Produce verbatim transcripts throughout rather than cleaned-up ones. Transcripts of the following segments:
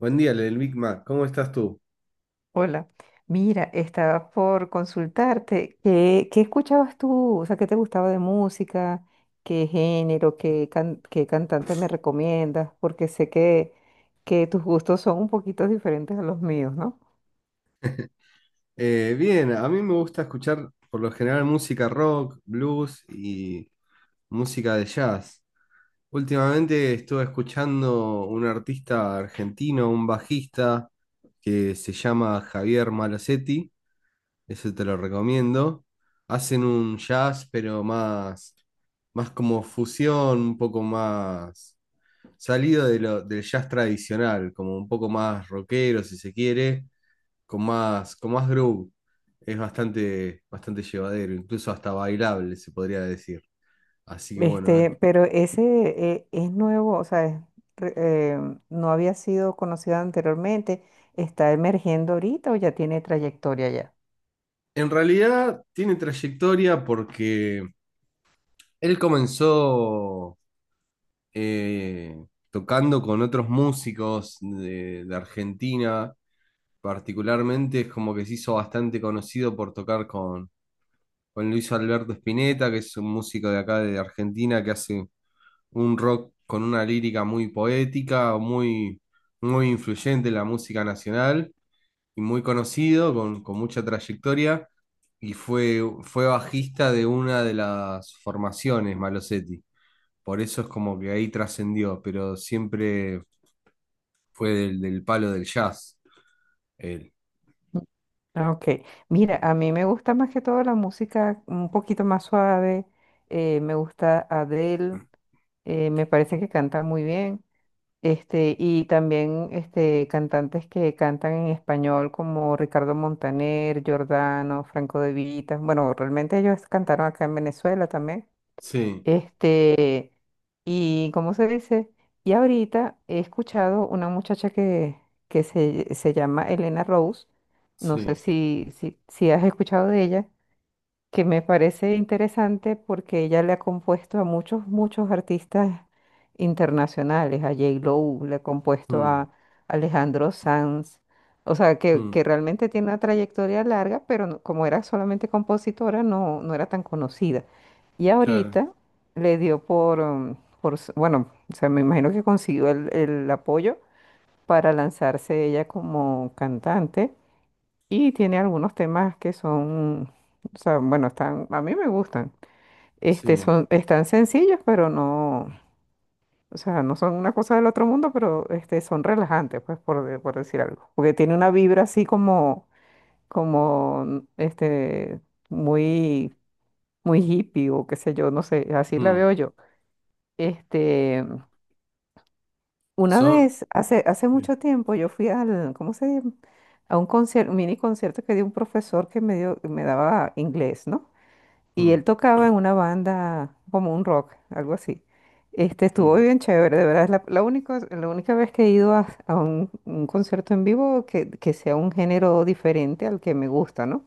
Buen día, el Big Mac. ¿Cómo estás tú? Hola, mira, estaba por consultarte, ¿qué, qué escuchabas tú? O sea, ¿qué te gustaba de música? ¿Qué género? ¿Qué, can- ¿qué cantante me recomiendas? Porque sé que, que tus gustos son un poquito diferentes a los míos, ¿no? Eh, bien, a mí me gusta escuchar por lo general música rock, blues y música de jazz. Últimamente estuve escuchando un artista argentino, un bajista que se llama Javier Malosetti. Eso te lo recomiendo. Hacen un jazz, pero más, más como fusión, un poco más salido de lo- del jazz tradicional, como un poco más rockero, si se quiere con más, con más groove. Es bastante, bastante llevadero, incluso hasta bailable, se podría decir. Así que bueno, eh. Este, pero ese eh, es nuevo, o sea, es re- eh, no había sido conocido anteriormente. ¿Está emergiendo ahorita o ya tiene trayectoria ya? En realidad tiene trayectoria porque él comenzó eh, tocando con otros músicos de, de Argentina, particularmente es como que se hizo bastante conocido por tocar con, con Luis Alberto Spinetta, que es un músico de acá de Argentina que hace un rock con una lírica muy poética, muy, muy influyente en la música nacional y muy conocido, con, con mucha trayectoria, y fue, fue bajista de una de las formaciones, Malosetti. Por eso es como que ahí trascendió, pero siempre fue del, del palo del jazz, él. Ah, ok, mira, a mí me gusta más que todo la música un poquito más suave, eh, me gusta Adele, eh, me parece que canta muy bien. Este, y también este, cantantes que cantan en español como Ricardo Montaner, Giordano, Franco De Vita, bueno, realmente ellos cantaron acá en Venezuela también. Sí, Este, ¿y cómo se dice? Y ahorita he escuchado una muchacha que, que se, se llama Elena Rose, no sé sí. si, si, si has escuchado de ella, que me parece interesante porque ella le ha compuesto a muchos, muchos artistas internacionales, a yei lo, le ha compuesto mm, a Alejandro Sanz. O sea, que, mm, que realmente tiene una trayectoria larga, pero no- como era solamente compositora, no, no era tan conocida. Y claro, ahorita le dio por, um, por s- bueno, o sea, me imagino que consiguió el, el apoyo para lanzarse ella como cantante, y tiene algunos temas que son, o sea, bueno, están, a mí me gustan. Este, sí. son, están sencillos, pero no, o sea, no son una cosa del otro mundo, pero este, son relajantes, pues, por, de- por decir algo. Porque tiene una vibra así como, como, este, muy, muy hippie o qué sé yo, no sé, así la mm, veo yo. Este, una son. vez, hace, hace Sí, mucho tiempo, yo fui al, ¿cómo se llama? A un concierto, mini concierto que dio un profesor que me dio, me daba inglés, ¿no? Y mm, él tocaba en una banda como un rock, algo así. Este, estuvo mm, bien chévere, de verdad, es la, la única, la única vez que he ido a, a un, un concierto en vivo que, que sea un género diferente al que me gusta, ¿no?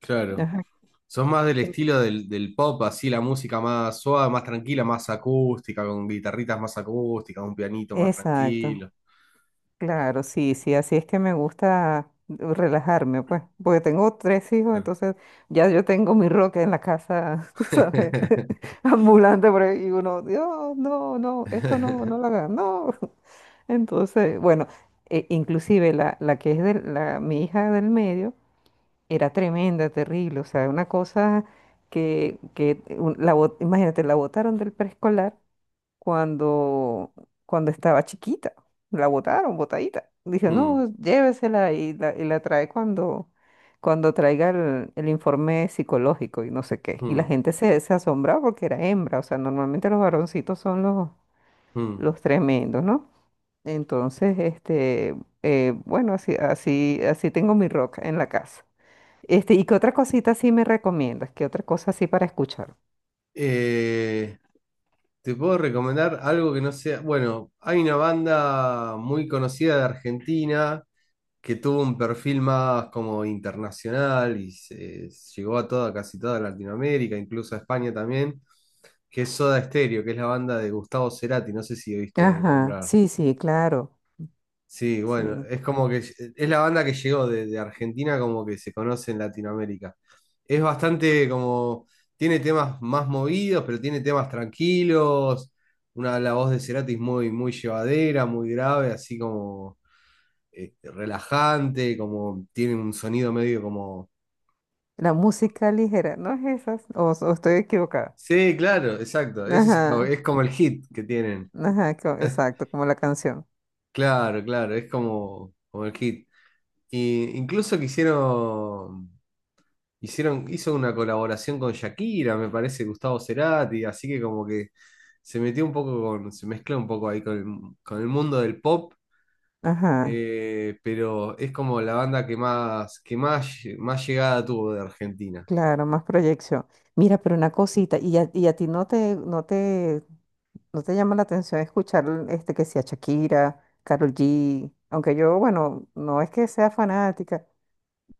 claro. Ajá. Sos más del estilo del, del pop, así la música más suave, más tranquila, más acústica, con guitarritas más acústicas, un pianito más Exacto, tranquilo. claro, sí, sí, así es que me gusta relajarme, pues, porque tengo tres hijos, entonces ya yo tengo mi rock en la casa, tú sabes, ambulante por ahí, y uno, Dios, no, no, esto no, no lo hagan, no. Entonces, bueno, e- inclusive la, la que es de la, mi hija del medio era tremenda, terrible, o sea, una cosa que, que un- la, bot- imagínate, la botaron del preescolar cuando, cuando estaba chiquita, la botaron, botadita. Dijo, Mm, no, llévesela y la, y la trae cuando, cuando traiga el, el informe psicológico y no sé qué. Y la mm, gente se, se asombraba porque era hembra, o sea, normalmente los varoncitos son los, mm. los tremendos, ¿no? Entonces, este, eh, bueno, así, así, así tengo mi rock en la casa. Este, ¿y qué otra cosita sí me recomiendas? ¿Qué otra cosa así para escuchar? Eh, Te puedo recomendar algo que no sea. Bueno, hay una banda muy conocida de Argentina que tuvo un perfil más como internacional y se, llegó a toda, casi toda Latinoamérica, incluso a España también, que es Soda Stereo, que es la banda de Gustavo Cerati. No sé si oíste Ajá, nombrar. sí, sí, claro, Sí, bueno, sí. es como que es la banda que llegó de, de Argentina, como que se conoce en Latinoamérica. Es bastante como, tiene temas más movidos, pero tiene temas tranquilos, una la voz de Cerati es muy, muy llevadera, muy grave, así como eh, relajante, como tiene un sonido medio como. La música ligera, ¿no es esas? O, o estoy equivocada. Sí, claro, exacto, ese es, como- Ajá, es como el hit que tienen. ajá, co- exacto, como la canción. Claro, claro, es como, como el hit. Y incluso quisieron. Hicieron, hizo una colaboración con Shakira, me parece, Gustavo Cerati, así que como que se metió un poco con, se mezcla un poco ahí con el, con el mundo del pop, Ajá, eh, pero es como la banda que más, que más, más llegada tuvo de Argentina. claro, más proyección. Mira, pero una cosita, ¿y a, y a ti no te, no te ¿no te llama la atención escuchar este que sea Shakira, Karol G? Aunque yo, bueno, no es que sea fanática,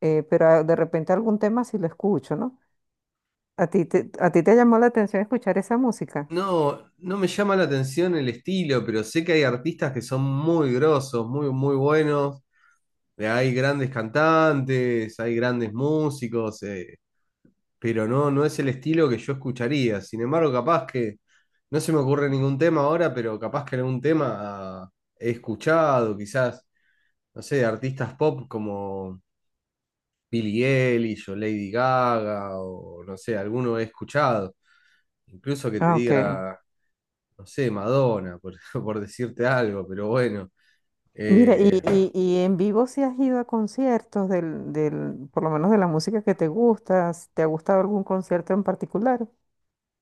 eh, pero a- de repente algún tema sí lo escucho, ¿no? ¿A ti te, a ti te llamó la atención escuchar esa música? No, no me llama la atención el estilo, pero sé que hay artistas que son muy grosos, muy, muy buenos. Eh, Hay grandes cantantes, hay grandes músicos, eh, pero no, no es el estilo que yo escucharía. Sin embargo, capaz que no se me ocurre ningún tema ahora, pero capaz que algún tema ah, he escuchado, quizás, no sé, artistas pop como. Billie Eilish o Lady Gaga o no sé, alguno he escuchado. Incluso que te Ah, ok. diga, no sé, Madonna, por, por decirte algo, pero bueno. Mira, y, Eh, y, y en vivo si has ido a conciertos del, del, por lo menos de la música que te gusta, ¿te ha gustado algún concierto en particular?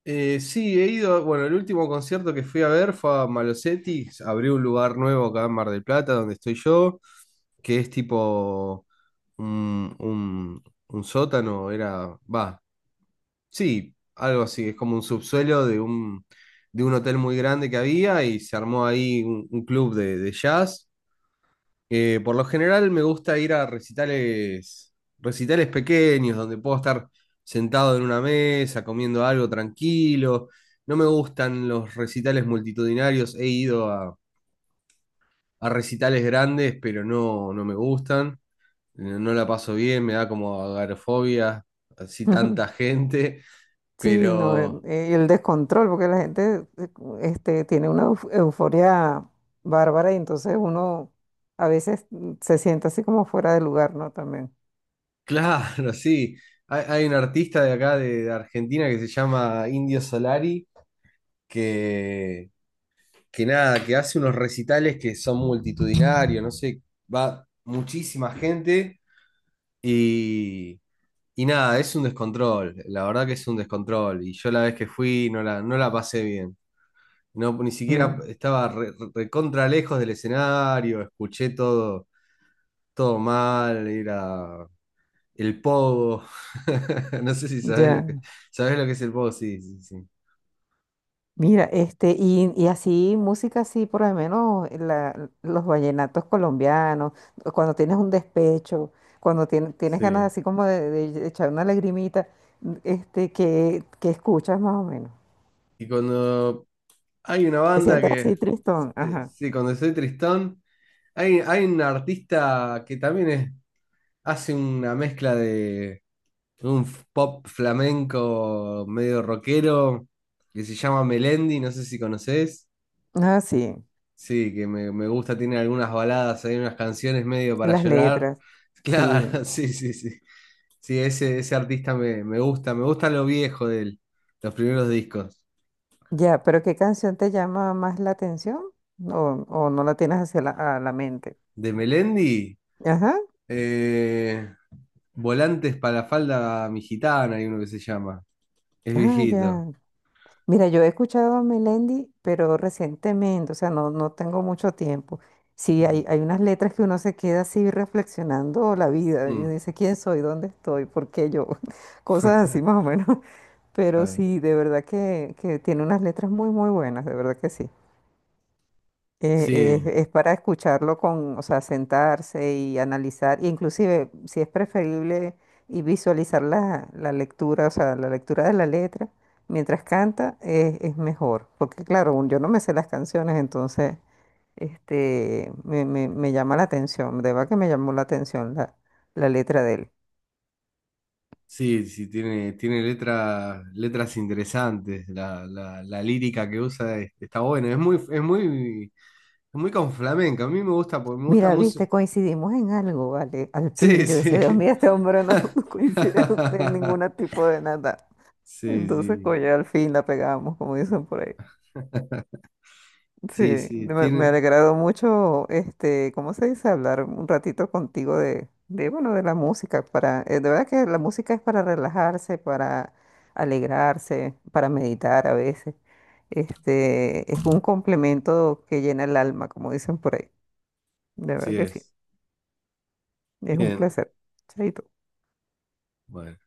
eh, sí, he ido, bueno, el último concierto que fui a ver fue a Malosetti, abrió un lugar nuevo acá en Mar del Plata, donde estoy yo, que es tipo un, un- un sótano, era, va, Sí, algo así, es como un subsuelo de un, de un hotel muy grande que había y se armó ahí un, un club de, de jazz. Eh, por lo general me gusta ir a recitales, recitales pequeños donde puedo estar sentado en una mesa comiendo algo tranquilo. No me gustan los recitales multitudinarios, he ido a, a recitales grandes, pero no, no me gustan, no no la paso bien, me da como agorafobia así tanta gente, Sí, no, eh, pero. eh, el descontrol, porque la gente eh, este, tiene una euf- euforia bárbara, y entonces uno a veces mm, se siente así como fuera de lugar, ¿no? También. Claro, sí. Hay, hay un artista de acá de, de Argentina que se llama Indio Solari, que, que nada, que hace unos recitales que son multitudinarios, no sé, va muchísima gente y, y nada, es un descontrol, la verdad que es un descontrol. Y yo la vez que fui no la, no la pasé bien. No, ni siquiera Mm, estaba re- recontra lejos del escenario, escuché todo, todo mal, era. El pogo. No sé si sabes lo que, ya. sabes lo que es el pogo, sí, sí, sí. Mira, este, y, y así música así, por lo menos la- los vallenatos colombianos, cuando tienes un despecho, cuando tien- tienes ganas Sí. así como de, de echar una lagrimita, mm, este, que, que escuchas más o menos. Y cuando hay una Te banda sientes así que, tristón, sí, ajá. sí, cuando estoy tristón, hay, hay un artista que también es- hace una mezcla de un f- pop flamenco medio rockero, que se llama Melendi, no sé si conoces. Ah, sí. Sí, que me, me gusta, tiene algunas baladas, hay unas canciones medio Y para las llorar. letras, sí. Claro, sí, sí, sí. Sí, ese, ese artista me, me gusta, me gusta lo viejo de él, los primeros discos. Ya, pero ¿qué canción te llama más la atención? ¿O, o no la tienes hacia la, a la mente? De Melendi, Ajá. eh, Volantes para la falda mi gitana, hay uno que se llama. Es Ah, ya. viejito. Mira, yo he escuchado a Melendi, pero recientemente, o sea, no, no tengo mucho tiempo. Sí, Mm, hay, hay unas letras que uno se queda así reflexionando la vida y mm, dice, ¿quién soy? ¿Dónde estoy? ¿Por qué yo? Cosas así más o menos. Pero claro. sí, de verdad que, que tiene unas letras muy, muy buenas, de verdad que sí. Eh, eh, Sí, es para escucharlo con, o sea, sentarse y analizar, e inclusive si es preferible y visualizar la, la lectura, o sea, la lectura de la letra mientras canta, eh, es mejor, porque claro, un- yo no me sé las canciones, entonces este, me, me- me llama la atención, de verdad que me llamó la atención la, la letra de él. sí, sí, tiene, tiene letra- letras interesantes. La, la- la lírica que usa es- está buena. Es muy, es muy, es muy con flamenco. A mí me gusta, porque me gusta Mira, música. viste, coincidimos en algo, ¿vale? Al Sí, fin, yo sí. decía, Dios mío, este hombre no coincide en ningún tipo de nada. Sí, Entonces, sí. coño, al fin la pegamos, como dicen por ahí. Sí, Sí, sí, me, me ha tiene. alegrado mucho, este, ¿cómo se dice? Hablar un ratito contigo de, de, bueno, de la música. Para, eh, de verdad que la música es para relajarse, para alegrarse, para meditar a veces. Este, es un complemento que llena el alma, como dicen por ahí. De verdad Sí que sí, es. es un Bien. placer. Chaito. Bueno.